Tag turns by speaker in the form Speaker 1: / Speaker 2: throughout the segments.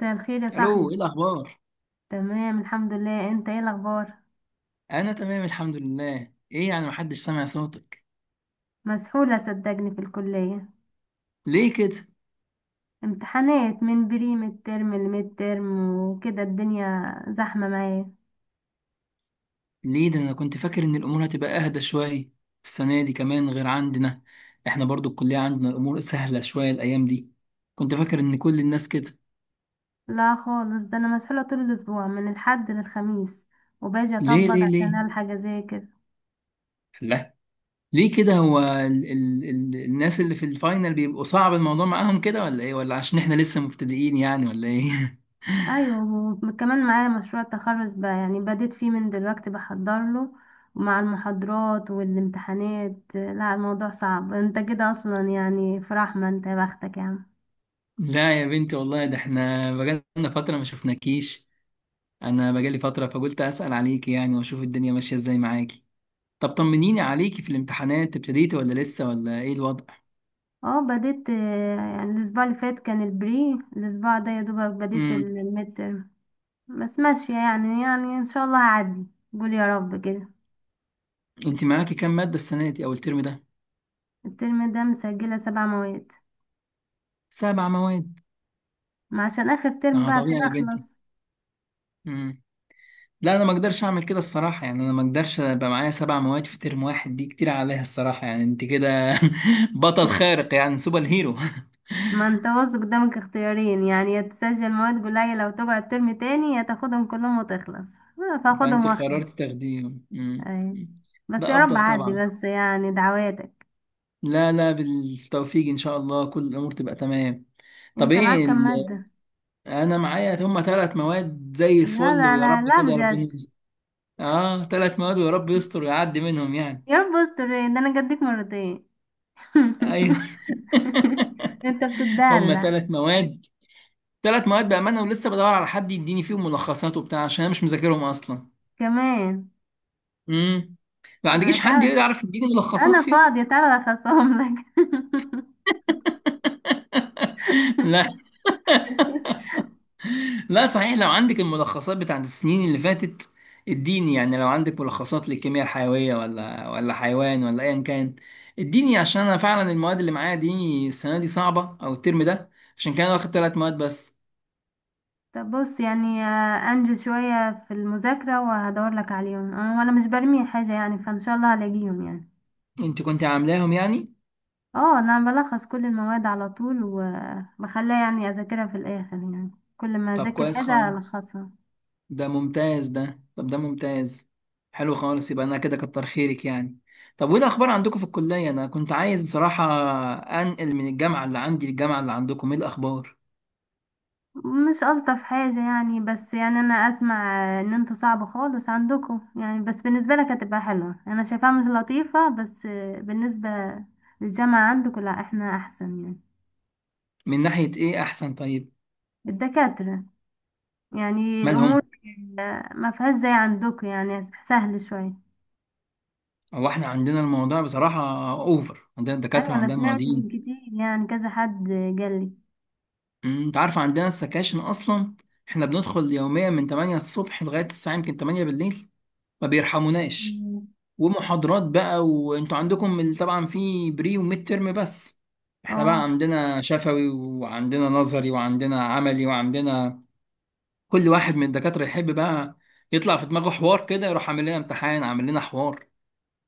Speaker 1: مساء الخير يا
Speaker 2: الو،
Speaker 1: صاحبي.
Speaker 2: ايه الاخبار؟
Speaker 1: تمام، الحمد لله، انت ايه الاخبار؟
Speaker 2: انا تمام، الحمد لله. ايه يعني؟ محدش سامع صوتك.
Speaker 1: مسحولة صدقني في الكلية.
Speaker 2: ليه كده؟
Speaker 1: امتحانات من بري ميد ترم لميد ترم وكده، الدنيا زحمة معايا.
Speaker 2: ليه ده؟ انا كنت فاكر ان الامور هتبقى اهدى شويه. السنه دي كمان غير عندنا. احنا برضو الكليه عندنا الامور سهله شويه الايام دي. كنت فاكر ان كل الناس كده.
Speaker 1: لا خالص، ده انا مسحولة طول الاسبوع من الحد للخميس، وباجي
Speaker 2: ليه
Speaker 1: اطبق
Speaker 2: ليه
Speaker 1: عشان
Speaker 2: ليه؟
Speaker 1: الحق اذاكر.
Speaker 2: لا. ليه كده؟ هو ال الناس اللي في الفاينل بيبقوا صعب الموضوع معاهم كده؟ ولا ايه؟ ولا عشان احنا لسه مبتدئين يعني؟ ولا ايه؟
Speaker 1: ايوه، وكمان معايا مشروع التخرج بقى، يعني بديت فيه من دلوقتي بحضر له. ومع المحاضرات والامتحانات، لا الموضوع صعب. انت كده اصلا يعني في رحمة، انت يا بختك يا عم.
Speaker 2: لا يا بنتي، والله ده احنا بقالنا فتره ما شفناكيش. انا بقالي فتره فقلت اسال عليكي يعني، واشوف الدنيا ماشيه ازاي معاكي. طب طمنيني عليكي في الامتحانات، ابتديتي ولا لسه؟ ولا ايه الوضع؟
Speaker 1: اه بديت، يعني الاسبوع اللي فات كان البري، الاسبوع ده يا دوبك بديت
Speaker 2: امم
Speaker 1: الميد ترم. بس ماشية يعني ان شاء الله هعدي. قول يا رب كده.
Speaker 2: انت معاكي كام ماده السنه دي او الترم ده؟
Speaker 1: الترم ده مسجلة سبع مواد.
Speaker 2: سبع مواد؟
Speaker 1: ما عشان اخر ترم
Speaker 2: اه
Speaker 1: بقى عشان
Speaker 2: طبيعي يا بنتي.
Speaker 1: اخلص.
Speaker 2: امم. لا، انا ما اقدرش اعمل كده الصراحه، يعني انا ما اقدرش ابقى معايا سبع مواد في ترم واحد، دي كتير عليها الصراحه، يعني انت كده بطل خارق، يعني سوبر هيرو.
Speaker 1: ما انت واثق، قدامك اختيارين يعني: يا تسجل مواد قليلة لو تقعد ترم تاني، يا تاخدهم كلهم وتخلص. آه، فاخدهم
Speaker 2: فانت
Speaker 1: واخلص.
Speaker 2: قررت تاخديهم.
Speaker 1: أي. بس
Speaker 2: ده
Speaker 1: يا رب
Speaker 2: افضل
Speaker 1: عدي،
Speaker 2: طبعا.
Speaker 1: بس يعني دعواتك.
Speaker 2: لا لا، بالتوفيق ان شاء الله، كل الامور تبقى تمام. طب
Speaker 1: انت
Speaker 2: ايه
Speaker 1: معاك كام مادة؟
Speaker 2: انا معايا هما ثلاث مواد زي
Speaker 1: لا
Speaker 2: الفل،
Speaker 1: لا
Speaker 2: ويا
Speaker 1: لا
Speaker 2: رب
Speaker 1: لا
Speaker 2: كده ربنا
Speaker 1: بجد.
Speaker 2: يستر. اه، ثلاث مواد، ويا رب يستر ويعدي منهم يعني.
Speaker 1: يا رب استر، إيه ده انا جدك مرتين!
Speaker 2: ايوه.
Speaker 1: انت
Speaker 2: هما
Speaker 1: بتدلع.
Speaker 2: ثلاث مواد. ثلاث مواد بامانه، ولسه بدور على حد يديني فيهم ملخصات وبتاع، عشان انا مش مذاكرهم اصلا.
Speaker 1: كمان.
Speaker 2: امم. ما
Speaker 1: آه،
Speaker 2: عندكيش حد
Speaker 1: تعال.
Speaker 2: يعرف يديني ملخصات
Speaker 1: انا
Speaker 2: فيهم؟
Speaker 1: فاضية، تعالى اخصهم لك.
Speaker 2: لا. لا، صحيح لو عندك الملخصات بتاعت السنين اللي فاتت اديني، يعني لو عندك ملخصات للكيمياء الحيوية ولا حيوان ولا ايا كان اديني، عشان انا فعلا المواد اللي معايا دي السنة دي صعبة او الترم ده، عشان كده أنا واخد ثلاث مواد بس.
Speaker 1: طب بص يعني، انجز شوية في المذاكرة وهدور لك عليهم، وانا مش برمي حاجة يعني، فان شاء الله هلاقيهم يعني.
Speaker 2: انت كنت عاملاهم يعني؟
Speaker 1: اه، انا بلخص كل المواد على طول وبخليها يعني اذاكرها في الاخر يعني. كل ما
Speaker 2: طب
Speaker 1: اذاكر
Speaker 2: كويس
Speaker 1: حاجة
Speaker 2: خالص،
Speaker 1: الخصها.
Speaker 2: ده ممتاز، ده طب ده ممتاز. حلو خالص، يبقى انا كده كتر خيرك يعني. طب وايه الاخبار عندكم في الكلية؟ انا كنت عايز بصراحة انقل من الجامعة اللي عندي للجامعة اللي عندكم، ايه الاخبار؟
Speaker 1: مش ألطف حاجة يعني، بس يعني أنا أسمع إن انتوا صعب خالص عندكم يعني، بس بالنسبة لك هتبقى حلوة. أنا شايفاها مش لطيفة بس. بالنسبة للجامعة عندكم، لا احنا أحسن يعني.
Speaker 2: من ناحية ايه احسن طيب؟
Speaker 1: الدكاترة، يعني الأمور
Speaker 2: مالهم؟
Speaker 1: ما فيهاش زي عندكم، يعني سهل شوية.
Speaker 2: هو احنا عندنا الموضوع بصراحة اوفر، عندنا الدكاترة
Speaker 1: أيوة أنا
Speaker 2: عندنا
Speaker 1: سمعت من
Speaker 2: المعيدين.
Speaker 1: كتير يعني، كذا حد قالي.
Speaker 2: أمم، انت عارف عندنا السكاشن اصلا، احنا بندخل يوميا من 8 الصبح لغاية الساعة يمكن 8 بالليل، ما بيرحموناش.
Speaker 1: مم.
Speaker 2: ومحاضرات بقى، وانتوا عندكم طبعا في بري وميد ترم بس. احنا بقى
Speaker 1: اه.
Speaker 2: عندنا شفوي وعندنا نظري وعندنا عملي، وعندنا كل واحد من الدكاترة يحب بقى يطلع في دماغه حوار كده يروح عامل لنا امتحان، عامل لنا حوار.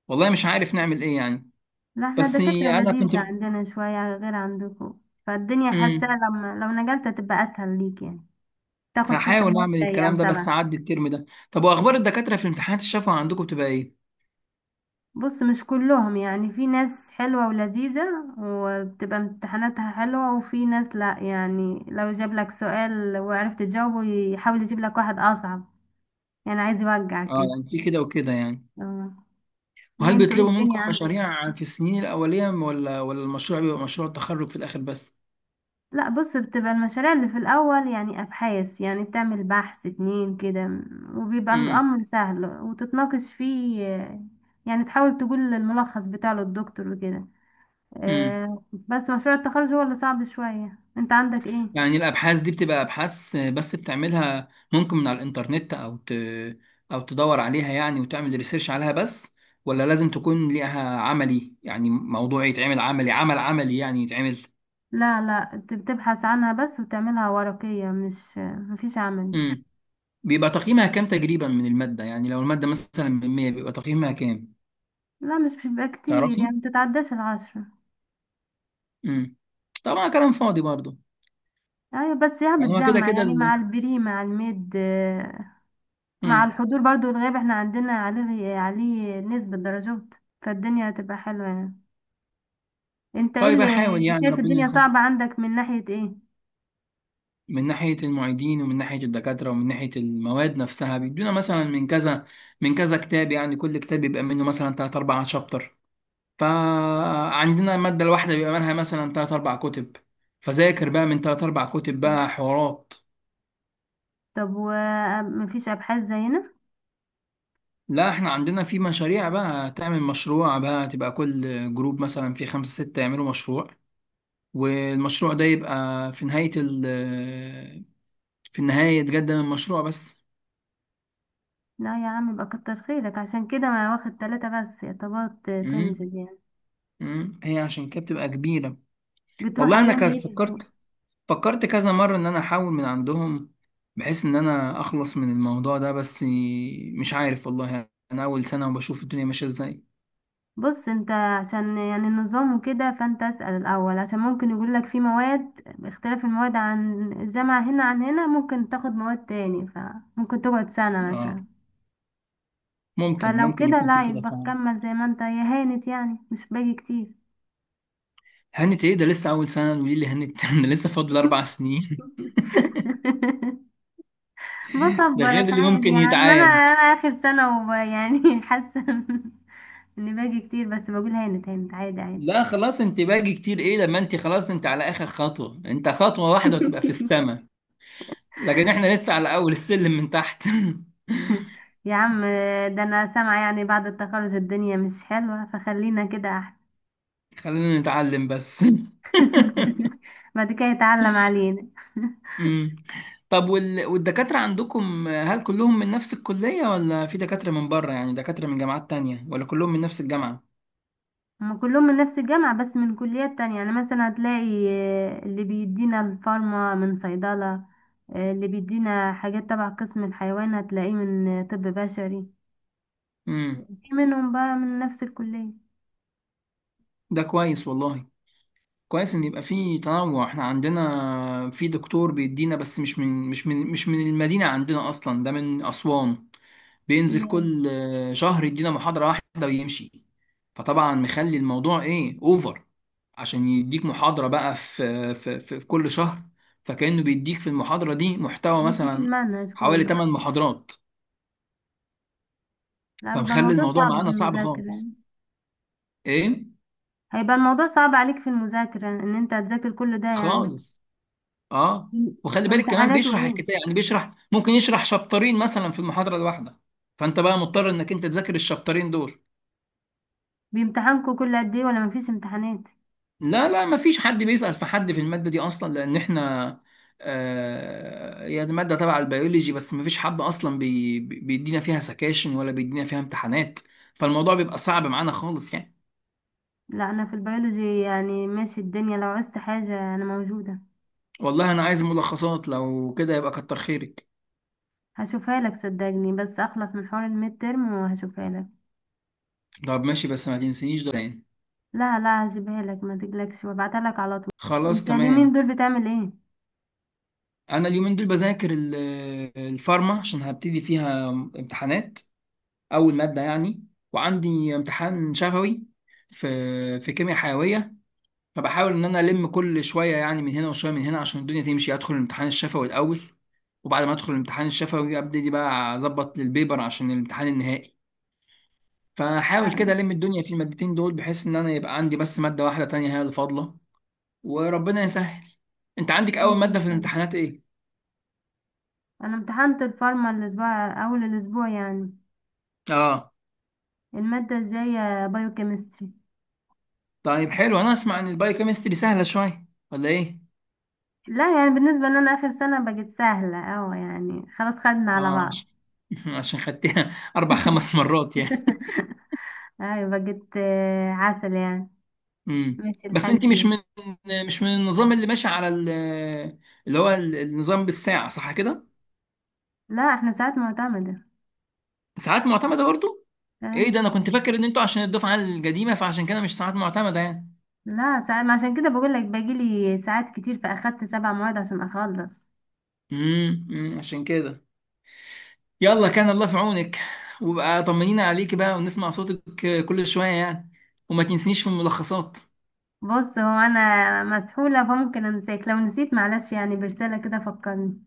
Speaker 2: والله مش عارف نعمل ايه يعني.
Speaker 1: لا، احنا
Speaker 2: بس
Speaker 1: الدكاترة
Speaker 2: انا كنت.
Speaker 1: لذيذة عندنا شوية غير عندكم. فالدنيا، حاسة
Speaker 2: مم.
Speaker 1: لما لو نقلت هتبقى أسهل ليك يعني. تاخد ست
Speaker 2: هحاول
Speaker 1: مواد
Speaker 2: اعمل
Speaker 1: زي او
Speaker 2: الكلام ده بس
Speaker 1: سبعة.
Speaker 2: اعدي الترم ده. طب واخبار الدكاتره في امتحانات الشفوي عندكم بتبقى ايه؟
Speaker 1: بص مش كلهم يعني، في ناس حلوة ولذيذة وبتبقى امتحاناتها حلوة، وفي ناس لا، يعني لو جاب لك سؤال وعرفت تجاوبه يحاول يجيب لك واحد اصعب. يعني عايز
Speaker 2: اه،
Speaker 1: يوجعك كده.
Speaker 2: يعني في كده وكده يعني.
Speaker 1: اه. ليه
Speaker 2: وهل
Speaker 1: انتوا، ايه
Speaker 2: بيطلبوا
Speaker 1: الدنيا
Speaker 2: منكم
Speaker 1: عندك؟
Speaker 2: مشاريع في السنين الاوليه؟ ولا المشروع بيبقى مشروع التخرج في الاخر بس؟
Speaker 1: لا بص، بتبقى المشاريع اللي في الاول يعني ابحاث، يعني بتعمل بحث اتنين كده. وبيبقى
Speaker 2: امم
Speaker 1: الامر سهل وتتناقش فيه. يعني تحاول تقول الملخص بتاعه للدكتور وكده.
Speaker 2: امم
Speaker 1: بس مشروع التخرج هو اللي صعب شوية. انت عندك ايه؟
Speaker 2: يعني الابحاث دي بتبقى ابحاث بس بتعملها، ممكن من على الانترنت او تدور عليها يعني وتعمل ريسيرش عليها بس؟ ولا لازم تكون ليها عملي يعني، موضوع يتعمل عملي، عمل عملي يعني يتعمل.
Speaker 1: لا لا، انت بتبحث عنها بس وتعملها ورقية، مش مفيش عمل.
Speaker 2: امم بيبقى تقييمها كام تقريبا من المادة؟ يعني لو المادة مثلا من 100 بيبقى تقييمها كام؟
Speaker 1: لا مش بيبقى كتير
Speaker 2: تعرفي.
Speaker 1: يعني، متتعداش العشرة.
Speaker 2: امم طبعا كلام فاضي برضه.
Speaker 1: ايوه بس، يا
Speaker 2: يعني هو كده
Speaker 1: بتجمع
Speaker 2: كده
Speaker 1: يعني مع البري مع الميد مع
Speaker 2: امم
Speaker 1: الحضور برضو والغياب، احنا عندنا عليه نسبة درجات. فالدنيا هتبقى حلوة يعني. انت ايه
Speaker 2: طيب،
Speaker 1: اللي
Speaker 2: احاول يعني
Speaker 1: شايف
Speaker 2: ربنا
Speaker 1: الدنيا
Speaker 2: يسهل.
Speaker 1: صعبة عندك من ناحية ايه؟
Speaker 2: من ناحية المعيدين، ومن ناحية الدكاترة، ومن ناحية المواد نفسها بيدونا مثلا من كذا كتاب، يعني كل كتاب بيبقى منه مثلا 3 4 شابتر. فعندنا المادة الواحدة بيبقى منها مثلا 3 4 كتب. فذاكر بقى من 3 4 كتب بقى حوارات.
Speaker 1: طب ومفيش ابحاث زينا؟
Speaker 2: لا، احنا عندنا في مشاريع بقى، تعمل مشروع بقى، تبقى كل جروب مثلا في خمسة ستة يعملوا مشروع، والمشروع ده يبقى في نهاية ال آه، في النهاية يتقدم المشروع بس.
Speaker 1: لا يا عم، يبقى كتر خيرك. عشان كده ما واخد تلاتة بس يعتبر
Speaker 2: امم
Speaker 1: تنزل يعني.
Speaker 2: هي عشان كده بتبقى كبيرة.
Speaker 1: بتروح
Speaker 2: والله انا
Speaker 1: ايام ايه
Speaker 2: كان
Speaker 1: الاسبوع؟
Speaker 2: فكرت كذا مرة ان انا احاول من عندهم، بحيث ان انا اخلص من الموضوع ده بس. مش عارف والله، انا اول سنة وبشوف الدنيا ماشية ازاي.
Speaker 1: بص انت، عشان يعني النظام وكده، فانت اسأل الاول، عشان ممكن يقولك في مواد. اختلاف المواد عن الجامعة هنا عن هنا، ممكن تاخد مواد تاني، فممكن تقعد سنة
Speaker 2: اه،
Speaker 1: مثلا.
Speaker 2: ممكن
Speaker 1: فلو
Speaker 2: ممكن
Speaker 1: كده
Speaker 2: يكون في
Speaker 1: لا،
Speaker 2: كده
Speaker 1: يبقى
Speaker 2: فعلا.
Speaker 1: كمل زي ما انت، يا هانت يعني مش باقي كتير.
Speaker 2: هنت؟ ايه ده لسه اول سنه ودي اللي هنت؟ ده لسه فاضل 4 سنين. ده غير
Speaker 1: بصبرك
Speaker 2: اللي
Speaker 1: عادي
Speaker 2: ممكن
Speaker 1: يا عم، انا
Speaker 2: يتعاد.
Speaker 1: انا اخر سنة يعني حاسة. اللي باجي كتير، بس بقول هانت هانت عادي عادي.
Speaker 2: لا خلاص، انت باجي كتير ايه؟ لما انت خلاص انت على اخر خطوه، انت خطوه واحده وتبقى في السماء. لكن احنا لسه على اول السلم من تحت.
Speaker 1: يا عم، ده انا سامعة يعني بعد التخرج الدنيا مش حلوة، فخلينا كده احسن.
Speaker 2: خلينا نتعلم بس.
Speaker 1: بعد كده يتعلم علينا.
Speaker 2: امم طب والدكاتره عندكم هل كلهم من نفس الكليه؟ ولا في دكاتره من بره؟ يعني دكاتره من جامعات تانية؟ ولا كلهم من نفس الجامعه؟
Speaker 1: هما كلهم من نفس الجامعة بس من كليات تانية، يعني مثلا هتلاقي اللي بيدينا الفارما من صيدلة. اللي بيدينا حاجات تبع قسم الحيوان هتلاقيه من طب بشري.
Speaker 2: امم
Speaker 1: في منهم بقى من نفس الكلية.
Speaker 2: ده كويس والله، كويس ان يبقى في تنوع. احنا عندنا في دكتور بيدينا بس مش من المدينة عندنا اصلا، ده من اسوان. بينزل
Speaker 1: ي-
Speaker 2: كل شهر يدينا محاضرة واحدة ويمشي. فطبعا مخلي الموضوع ايه اوفر، عشان يديك محاضرة بقى في كل شهر. فكأنه بيديك في المحاضرة دي محتوى
Speaker 1: بيديك
Speaker 2: مثلا
Speaker 1: المنهج
Speaker 2: حوالي
Speaker 1: كله.
Speaker 2: 8 محاضرات.
Speaker 1: لا، بيبقى
Speaker 2: فمخلي
Speaker 1: الموضوع
Speaker 2: الموضوع
Speaker 1: صعب في
Speaker 2: معانا صعب
Speaker 1: المذاكرة.
Speaker 2: خالص. ايه؟
Speaker 1: هيبقى الموضوع صعب عليك في المذاكرة ان انت هتذاكر كل ده يعني.
Speaker 2: خالص. اه. وخلي بالك كمان
Speaker 1: امتحاناته
Speaker 2: بيشرح
Speaker 1: ايه؟
Speaker 2: الكتاب يعني، بيشرح ممكن يشرح شابترين مثلا في المحاضرة الواحدة. فانت بقى مضطر انك انت تذاكر الشابترين دول.
Speaker 1: بيمتحنكوا كل قد ايه ولا مفيش امتحانات؟
Speaker 2: لا لا، ما فيش حد بيسأل في حد في المادة دي اصلا، لان احنا آه هي دي مادة تبع البيولوجي بس. ما فيش حد اصلا بيدينا فيها سكاشن ولا بيدينا فيها امتحانات، فالموضوع بيبقى صعب معانا خالص يعني.
Speaker 1: لا انا في البيولوجي يعني ماشي الدنيا، لو عوزت حاجة انا موجودة.
Speaker 2: والله انا عايز ملخصات، لو كده يبقى كتر خيرك.
Speaker 1: هشوفها لك صدقني، بس اخلص من حوار الميد ترم وهشوفها لك.
Speaker 2: طب ماشي، بس ما تجيبوش يعني.
Speaker 1: لا لا، هجيبها لك ما تقلقش وابعتها لك.
Speaker 2: خلاص
Speaker 1: انت اليومين
Speaker 2: تمام.
Speaker 1: دول بتعمل ايه؟
Speaker 2: انا اليومين دول بذاكر الفارما، عشان هبتدي فيها امتحانات، اول ماده يعني. وعندي امتحان شفوي في كيمياء حيويه. فبحاول ان انا الم كل شويه، يعني من هنا وشويه من هنا، عشان الدنيا تمشي ادخل الامتحان الشفوي الاول. وبعد ما ادخل الامتحان الشفوي ابتدي بقى اظبط للبيبر عشان الامتحان النهائي. فحاول كده
Speaker 1: لا،
Speaker 2: الم الدنيا في المادتين دول، بحيث ان انا يبقى عندي بس ماده واحده تانية هي اللي فاضله. وربنا يسهل. انت عندك اول
Speaker 1: خير ان
Speaker 2: ماده في
Speaker 1: شاء الله.
Speaker 2: الامتحانات ايه؟
Speaker 1: انا امتحنت الفارما الاسبوع، اول الاسبوع يعني.
Speaker 2: اه
Speaker 1: المادة الجاية بايوكيمستري.
Speaker 2: طيب، حلو. انا اسمع ان البايوكيمستري سهله شويه ولا ايه؟
Speaker 1: لا يعني بالنسبة لنا آخر سنة بقت سهلة أوي، يعني خلاص خدنا على
Speaker 2: اه،
Speaker 1: بعض.
Speaker 2: عشان خدتها اربع خمس مرات يعني.
Speaker 1: أيوة بقت عسل يعني.
Speaker 2: امم
Speaker 1: ماشي
Speaker 2: بس
Speaker 1: الحال
Speaker 2: انت مش
Speaker 1: فيه.
Speaker 2: من مش من النظام اللي ماشي على اللي هو النظام بالساعه صح كده؟
Speaker 1: لا، احنا ساعات معتمدة.
Speaker 2: ساعات معتمده برضو. ايه
Speaker 1: أيوة.
Speaker 2: ده؟ انا كنت فاكر ان انتوا عشان الدفعه القديمه فعشان كده مش ساعات معتمده يعني.
Speaker 1: لا ساعات، ما عشان كده بقول لك باجيلي ساعات كتير فأخدت سبع مواد عشان أخلص.
Speaker 2: أمم، عشان كده. يلا، كان الله في عونك، وبقى طمنينا عليك بقى ونسمع صوتك كل شويه يعني. وما تنسنيش في الملخصات.
Speaker 1: بص، هو أنا مسحولة فممكن أنساك، لو نسيت معلش يعني برسالة كده فكرني.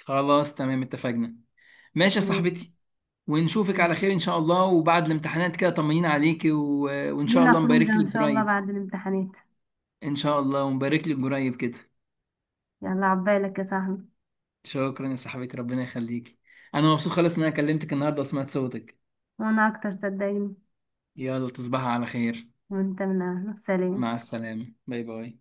Speaker 2: خلاص تمام، اتفقنا. ماشي يا
Speaker 1: ماشي.
Speaker 2: صاحبتي. ونشوفك على خير ان شاء الله. وبعد الامتحانات كده طمنين عليكي وان شاء
Speaker 1: لينا
Speaker 2: الله مبارك
Speaker 1: خروجة إن
Speaker 2: لك
Speaker 1: شاء الله
Speaker 2: قريب.
Speaker 1: بعد الامتحانات.
Speaker 2: ان شاء الله. ومبارك لك قريب كده.
Speaker 1: يلا عبالك يا صاحبي.
Speaker 2: شكرا يا صاحبتي، ربنا يخليكي. انا مبسوط خالص ان انا كلمتك النهارده وسمعت صوتك.
Speaker 1: وأنا أكتر صدقني.
Speaker 2: يلا تصبحي على خير.
Speaker 1: وأنت من أهله،
Speaker 2: مع
Speaker 1: سلام.
Speaker 2: السلامة. باي باي.